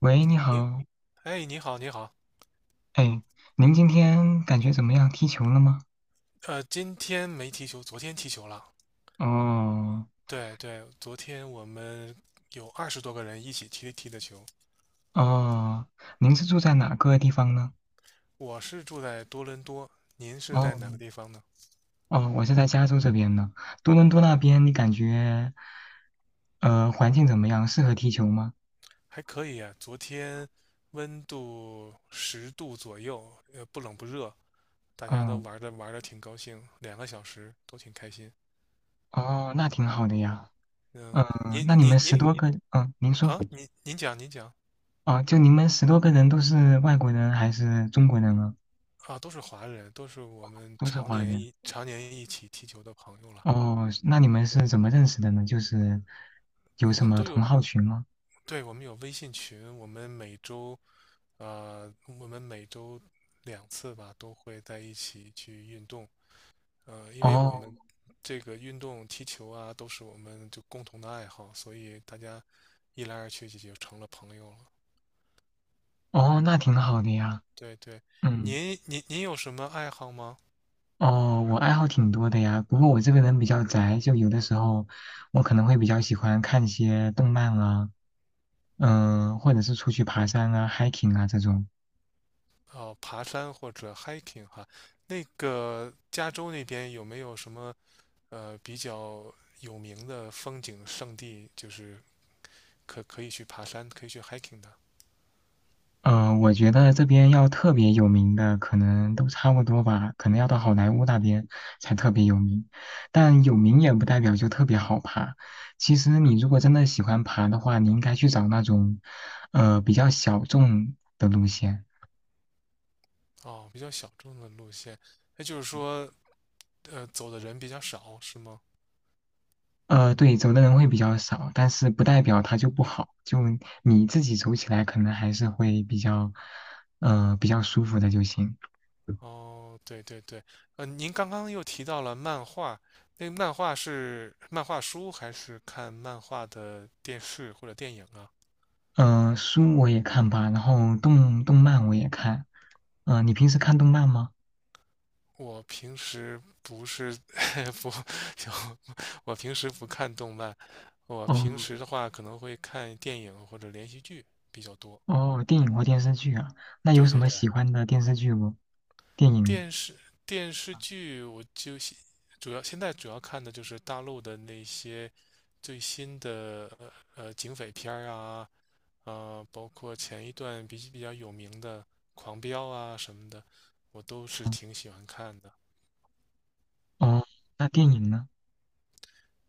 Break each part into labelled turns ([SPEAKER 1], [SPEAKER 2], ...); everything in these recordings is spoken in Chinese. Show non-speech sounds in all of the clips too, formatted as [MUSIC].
[SPEAKER 1] 喂，你
[SPEAKER 2] 您
[SPEAKER 1] 好，
[SPEAKER 2] 哎，你好，你好，
[SPEAKER 1] 哎，您今天感觉怎么样？踢球了吗？
[SPEAKER 2] 今天没踢球，昨天踢球了。
[SPEAKER 1] 哦
[SPEAKER 2] 对对，昨天我们有20多个人一起踢的球。
[SPEAKER 1] 哦，您是住在哪个地方呢？
[SPEAKER 2] 我是住在多伦多，您是在
[SPEAKER 1] 哦
[SPEAKER 2] 哪个地方呢？
[SPEAKER 1] 哦，我是在加州这边呢。多伦多那边，你感觉环境怎么样？适合踢球吗？
[SPEAKER 2] 还可以啊，昨天温度10度左右，不冷不热，大家都
[SPEAKER 1] 哦
[SPEAKER 2] 玩的挺高兴，2个小时都挺开心。
[SPEAKER 1] 哦，那挺好的呀。
[SPEAKER 2] 嗯、
[SPEAKER 1] 嗯、
[SPEAKER 2] 您
[SPEAKER 1] 那你
[SPEAKER 2] 您
[SPEAKER 1] 们十
[SPEAKER 2] 您
[SPEAKER 1] 多个，嗯、您说，
[SPEAKER 2] 您讲。
[SPEAKER 1] 哦，就你们10多个人都是外国人还是中国人啊？
[SPEAKER 2] 啊，都是华人，都是我们
[SPEAKER 1] 都是华人。
[SPEAKER 2] 常年一起踢球的朋友了。
[SPEAKER 1] 哦，那你们是怎么认识的呢？就是有
[SPEAKER 2] 我
[SPEAKER 1] 什
[SPEAKER 2] 们
[SPEAKER 1] 么
[SPEAKER 2] 都
[SPEAKER 1] 同
[SPEAKER 2] 有，
[SPEAKER 1] 好群吗？
[SPEAKER 2] 对，我们有微信群，我们每周2次吧，都会在一起去运动。因为我
[SPEAKER 1] 哦
[SPEAKER 2] 们这个运动踢球啊，都是我们就共同的爱好，所以大家一来二去就成了朋友了。
[SPEAKER 1] 哦，那挺好的呀。
[SPEAKER 2] 对对，
[SPEAKER 1] 嗯，
[SPEAKER 2] 您有什么爱好吗？
[SPEAKER 1] 哦，我爱好挺多的呀。不过我这个人比较宅，就有的时候我可能会比较喜欢看一些动漫啊，嗯、或者是出去爬山啊、hiking 啊这种。
[SPEAKER 2] 哦，爬山或者 hiking 哈，那个加州那边有没有什么比较有名的风景胜地，就是可以去爬山，可以去 hiking 的。
[SPEAKER 1] 我觉得这边要特别有名的，可能都差不多吧，可能要到好莱坞那边才特别有名。但有名也不代表就特别好爬。其实你如果真的喜欢爬的话，你应该去找那种，比较小众的路线。
[SPEAKER 2] 哦，比较小众的路线，那就是说，走的人比较少，是吗？
[SPEAKER 1] 对，走的人会比较少，但是不代表它就不好，就你自己走起来可能还是会比较，比较舒服的就行。
[SPEAKER 2] 哦，对对对，您刚刚又提到了漫画，那漫画是漫画书还是看漫画的电视或者电影啊？
[SPEAKER 1] 书我也看吧，然后动漫我也看。你平时看动漫吗？
[SPEAKER 2] 我平时不是 [LAUGHS] 不，就我平时不看动漫，我平
[SPEAKER 1] 哦
[SPEAKER 2] 时的话可能会看电影或者连续剧比较多。
[SPEAKER 1] 哦，电影或电视剧啊？那有
[SPEAKER 2] 对
[SPEAKER 1] 什
[SPEAKER 2] 对
[SPEAKER 1] 么
[SPEAKER 2] 对。
[SPEAKER 1] 喜欢的电视剧不？电影？
[SPEAKER 2] 电视电视剧，我就现主要看的就是大陆的那些最新的警匪片儿啊，包括前一段比较有名的《狂飙》啊什么的，我都是
[SPEAKER 1] 嗯
[SPEAKER 2] 挺喜欢看的。
[SPEAKER 1] 哦，那电影呢？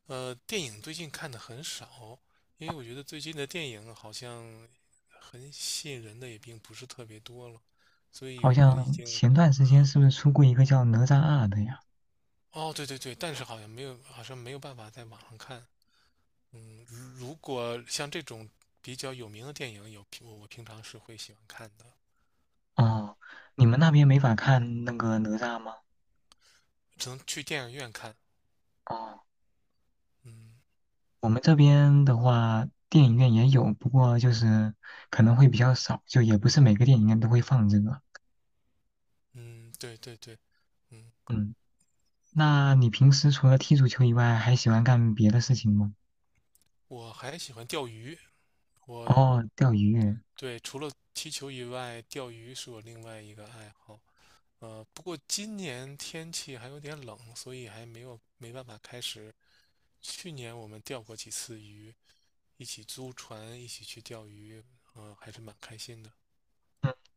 [SPEAKER 2] 电影最近看的很少，因为我觉得最近的电影好像很吸引人的也并不是特别多了，所以
[SPEAKER 1] 好
[SPEAKER 2] 我已
[SPEAKER 1] 像
[SPEAKER 2] 经。
[SPEAKER 1] 前段时间是不是出过一个叫《哪吒二》的呀？
[SPEAKER 2] 哦，对对对，但是好像没有办法在网上看。如果像这种比较有名的电影，我平常是会喜欢看的。
[SPEAKER 1] 哦，你们那边没法看那个哪吒吗？
[SPEAKER 2] 只能去电影院看。
[SPEAKER 1] 哦。
[SPEAKER 2] 嗯
[SPEAKER 1] 我们这边的话，电影院也有，不过就是可能会比较少，就也不是每个电影院都会放这个。
[SPEAKER 2] 嗯，对对对。嗯，
[SPEAKER 1] 嗯，那你平时除了踢足球以外，还喜欢干别的事情吗？
[SPEAKER 2] 我还喜欢钓鱼。我
[SPEAKER 1] 哦，钓鱼，
[SPEAKER 2] 对，除了踢球以外，钓鱼是我另外一个爱好。不过今年天气还有点冷，所以还没办法开始。去年我们钓过几次鱼，一起租船，一起去钓鱼，还是蛮开心的。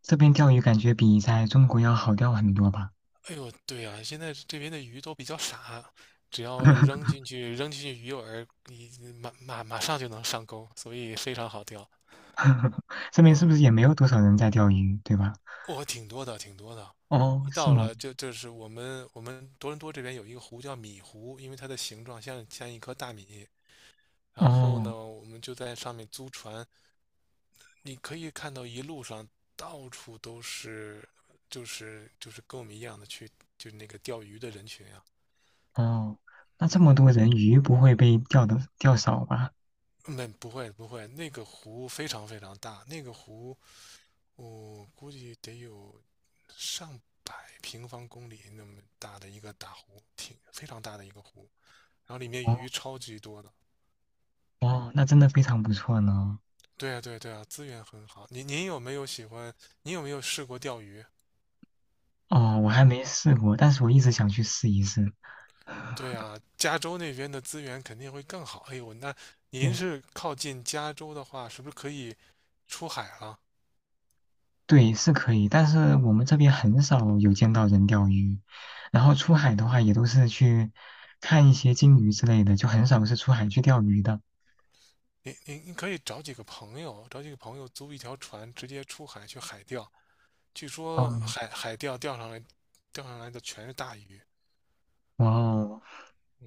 [SPEAKER 1] 这边钓鱼感觉比在中国要好钓很多吧？
[SPEAKER 2] 哎呦，对啊，现在这边的鱼都比较傻，只要
[SPEAKER 1] [LAUGHS]
[SPEAKER 2] 扔进去鱼饵，你马上就能上钩，所以非常好钓。
[SPEAKER 1] 这边是不是
[SPEAKER 2] 嗯，
[SPEAKER 1] 也没有多少人在钓鱼，对吧？
[SPEAKER 2] 挺多的，挺多的。
[SPEAKER 1] 哦，
[SPEAKER 2] 一
[SPEAKER 1] 是
[SPEAKER 2] 到
[SPEAKER 1] 吗？
[SPEAKER 2] 了，就是我们多伦多这边有一个湖叫米湖，因为它的形状像一颗大米。然后
[SPEAKER 1] 哦
[SPEAKER 2] 呢，我们就在上面租船，你可以看到一路上到处都是，就是跟我们一样的去，就是那个钓鱼的人群啊。
[SPEAKER 1] 哦，那这么
[SPEAKER 2] 嗯。
[SPEAKER 1] 多人，鱼不会被钓的钓少吧？
[SPEAKER 2] 没不会不会，那个湖非常非常大，那个湖我估计得有上百平方公里那么大的一个大湖，挺非常大的一个湖，然后里面
[SPEAKER 1] 哦
[SPEAKER 2] 鱼超级多的。
[SPEAKER 1] 哦，那真的非常不错呢。
[SPEAKER 2] 对啊对啊对啊，资源很好。您有没有喜欢？您有没有试过钓鱼？
[SPEAKER 1] 哦，我还没试过，但是我一直想去试一试。
[SPEAKER 2] 对啊，加州那边的资源肯定会更好。哎呦，那您
[SPEAKER 1] 对，
[SPEAKER 2] 是靠近加州的话，是不是可以出海了？
[SPEAKER 1] 对，是可以，但是我们这边很少有见到人钓鱼，然后出海的话也都是去看一些鲸鱼之类的，就很少是出海去钓鱼的。
[SPEAKER 2] 您可以找几个朋友，租一条船，直接出海去海钓。据说
[SPEAKER 1] 嗯，
[SPEAKER 2] 海钓钓上来的全是大鱼。
[SPEAKER 1] 哇哦，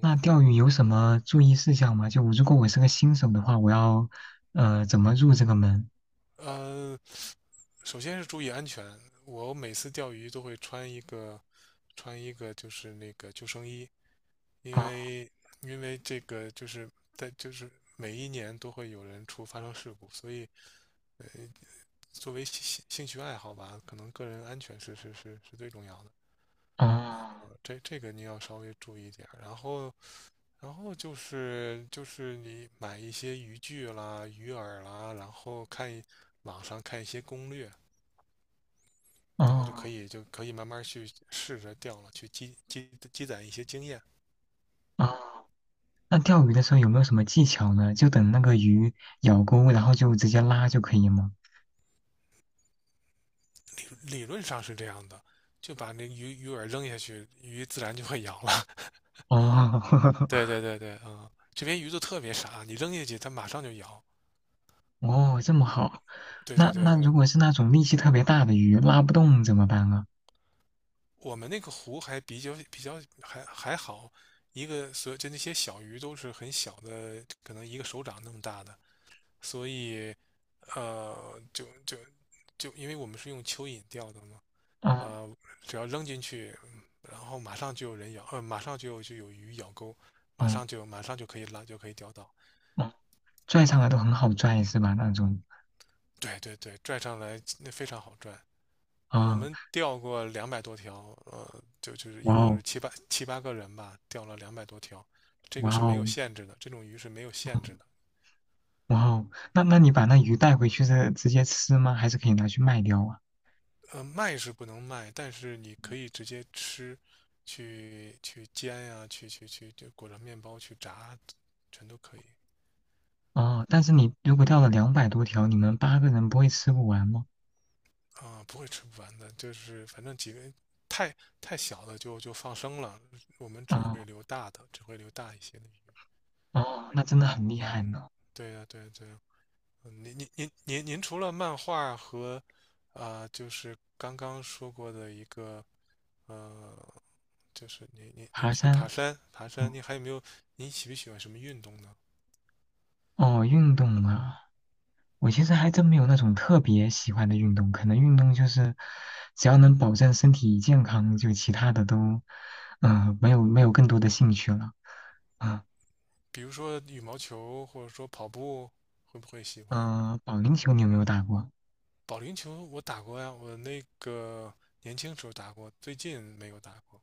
[SPEAKER 1] 那钓鱼有什么注意事项吗？就如果我是个新手的话，我要怎么入这个门？
[SPEAKER 2] 呃，首先是注意安全。我每次钓鱼都会穿一个就是那个救生衣，因
[SPEAKER 1] 哦
[SPEAKER 2] 为这个就是在就是每一年都会有人发生事故，所以作为兴趣爱好吧，可能个人安全是最重要的。
[SPEAKER 1] 哦
[SPEAKER 2] 这个你要稍微注意一点，然后就是你买一些渔具啦、鱼饵啦，然后网上看一些攻略，然后
[SPEAKER 1] 哦
[SPEAKER 2] 就可以慢慢去试着钓了，去积攒一些经验。
[SPEAKER 1] 哦，那钓鱼的时候有没有什么技巧呢？就等那个鱼咬钩，然后就直接拉就可以吗？
[SPEAKER 2] 理理论上是这样的，就把那鱼饵扔下去，鱼自然就会咬了。
[SPEAKER 1] 哦，[LAUGHS]
[SPEAKER 2] [LAUGHS] 对对对对，这边鱼都特别傻，你扔下去它马上就咬。
[SPEAKER 1] 哦，这么好。
[SPEAKER 2] 对
[SPEAKER 1] 那
[SPEAKER 2] 对对
[SPEAKER 1] 那如
[SPEAKER 2] 对，
[SPEAKER 1] 果是那种力气特别大的鱼，拉不动怎么办啊？
[SPEAKER 2] 我们那个湖还比较还好，一个所就那些小鱼都是很小的，可能一个手掌那么大的。所以呃，就就就因为我们是用蚯蚓钓的嘛。
[SPEAKER 1] 哦
[SPEAKER 2] 呃，只要扔进去，然后马上就有人咬，马上就有鱼咬钩，
[SPEAKER 1] 哦
[SPEAKER 2] 马上就可以拉，就可以钓到。
[SPEAKER 1] 哦，拽上来都很好拽是吧？那种
[SPEAKER 2] 对对对，拽上来那非常好拽。我
[SPEAKER 1] 啊，
[SPEAKER 2] 们钓过两百多条，就是一
[SPEAKER 1] 哇
[SPEAKER 2] 共
[SPEAKER 1] 哦
[SPEAKER 2] 是七八个人吧，钓了两百多条，这
[SPEAKER 1] 哇
[SPEAKER 2] 个是没
[SPEAKER 1] 哦
[SPEAKER 2] 有限制的，这种鱼是没有限制
[SPEAKER 1] 嗯
[SPEAKER 2] 的。
[SPEAKER 1] 哇哦，那你把那鱼带回去是直接吃吗？还是可以拿去卖掉啊？
[SPEAKER 2] 卖是不能卖，但是你可以直接吃，去煎呀、去去去就裹着面包去炸，全都可以。
[SPEAKER 1] 哦，但是你如果钓了200多条，你们八个人不会吃不完吗？
[SPEAKER 2] 啊、不会吃不完的。就是反正几个太太小的就放生了，我们
[SPEAKER 1] 哦
[SPEAKER 2] 只会留大一些的鱼。
[SPEAKER 1] 哦，那真的很厉害
[SPEAKER 2] 嗯，
[SPEAKER 1] 呢。
[SPEAKER 2] 对呀、对呀、对呀。您除了漫画和，啊、就是刚刚说过的一个呃，就是您
[SPEAKER 1] 爬
[SPEAKER 2] 去爬
[SPEAKER 1] 山，
[SPEAKER 2] 山，
[SPEAKER 1] 哦，
[SPEAKER 2] 您还有没有？您喜不喜欢什么运动呢？
[SPEAKER 1] 哦运动啊。我其实还真没有那种特别喜欢的运动，可能运动就是只要能保证身体健康，就其他的都，嗯、没有更多的兴趣了。啊、
[SPEAKER 2] 比如说羽毛球，或者说跑步，会不会喜欢？
[SPEAKER 1] 嗯、保龄球你有没有打过？
[SPEAKER 2] 保龄球我打过呀，我那个年轻时候打过，最近没有打过，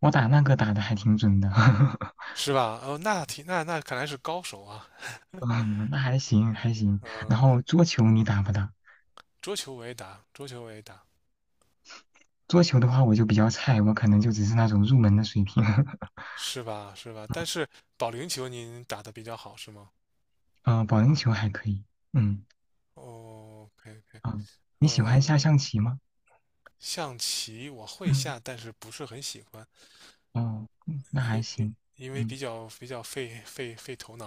[SPEAKER 1] 我打那个打的还挺准的，[LAUGHS]
[SPEAKER 2] 是吧？哦，那挺那那看来是高手啊。
[SPEAKER 1] 嗯，那还行还行。
[SPEAKER 2] 嗯、
[SPEAKER 1] 然后桌球你打不打？
[SPEAKER 2] 桌球我也打，桌球我也打，
[SPEAKER 1] 桌球的话我就比较菜，我可能就只是那种入门的水平。[LAUGHS]
[SPEAKER 2] 是吧？是吧？但是保龄球您打得比较好，是吗？
[SPEAKER 1] 嗯、保龄球还可以。嗯，
[SPEAKER 2] 哦，OK OK。
[SPEAKER 1] 啊、你喜欢下
[SPEAKER 2] 呃，
[SPEAKER 1] 象棋吗？
[SPEAKER 2] 象棋我会
[SPEAKER 1] 嗯，
[SPEAKER 2] 下，但是不是很喜欢。
[SPEAKER 1] 哦，嗯那还
[SPEAKER 2] 因因
[SPEAKER 1] 行。
[SPEAKER 2] 因为
[SPEAKER 1] 嗯。
[SPEAKER 2] 比较费头脑，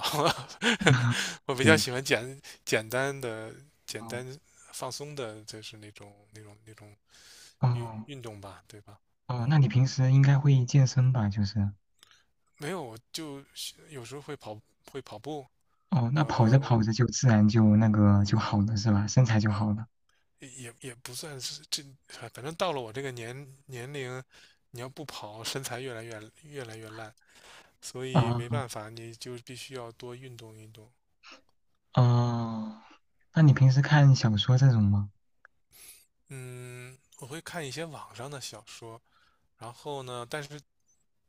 [SPEAKER 1] [LAUGHS] POP
[SPEAKER 2] [LAUGHS] 我比较喜欢简单的、简
[SPEAKER 1] 哦
[SPEAKER 2] 单放松的，就是那种
[SPEAKER 1] 哦
[SPEAKER 2] 运动吧，对吧？
[SPEAKER 1] 哦，
[SPEAKER 2] 嗯，
[SPEAKER 1] 那你平时应该会健身吧？就是
[SPEAKER 2] 没有，我就有时候会跑步，
[SPEAKER 1] 哦，那跑着
[SPEAKER 2] 呃，
[SPEAKER 1] 跑着就自然就那个就好了是吧？身材就好了
[SPEAKER 2] 也不算是这。反正到了我这个年龄，你要不跑，身材越来越烂，所以没
[SPEAKER 1] 啊
[SPEAKER 2] 办法，你就必须要多运动运动。
[SPEAKER 1] 哦，那你平时看小说这种吗？
[SPEAKER 2] 嗯，我会看一些网上的小说，然后呢，但是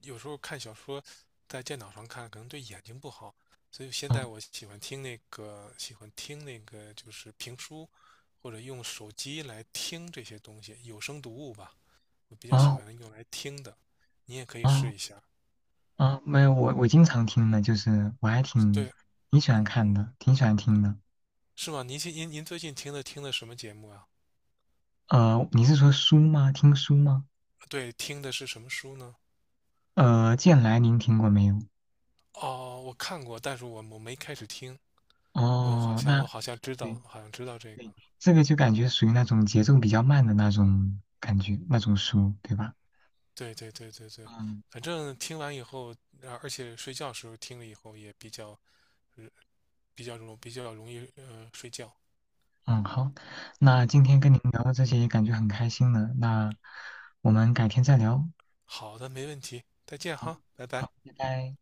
[SPEAKER 2] 有时候看小说在电脑上看可能对眼睛不好，所以现在
[SPEAKER 1] 啊
[SPEAKER 2] 我喜欢听那个就是评书，或者用手机来听这些东西，有声读物吧，我比较喜
[SPEAKER 1] 哦
[SPEAKER 2] 欢用来听的，你也可以试
[SPEAKER 1] 哦
[SPEAKER 2] 一下。
[SPEAKER 1] 哦，没有，我经常听的，就是我还挺
[SPEAKER 2] 对，
[SPEAKER 1] 挺喜欢看的，挺喜欢听的。
[SPEAKER 2] 是吗？您最近听的什么节目啊？
[SPEAKER 1] 你是说书吗？听书吗？
[SPEAKER 2] 对，听的是什么书呢？
[SPEAKER 1] 剑来您听过没有？
[SPEAKER 2] 哦，我看过，但是我没开始听。
[SPEAKER 1] 哦，那
[SPEAKER 2] 我
[SPEAKER 1] 对
[SPEAKER 2] 好像知道，这个。
[SPEAKER 1] 对，这个就感觉属于那种节奏比较慢的那种感觉，那种书，对吧？
[SPEAKER 2] 对对对对对，
[SPEAKER 1] 嗯
[SPEAKER 2] 反正听完以后，啊而且睡觉时候听了以后也比较，呃比较容易睡觉。
[SPEAKER 1] 嗯，好，那今
[SPEAKER 2] 嗯，
[SPEAKER 1] 天跟您聊到这些也感觉很开心了，那我们改天再聊。
[SPEAKER 2] 好的，没问题，再见
[SPEAKER 1] 好，
[SPEAKER 2] 哈，拜拜。
[SPEAKER 1] 好，拜拜。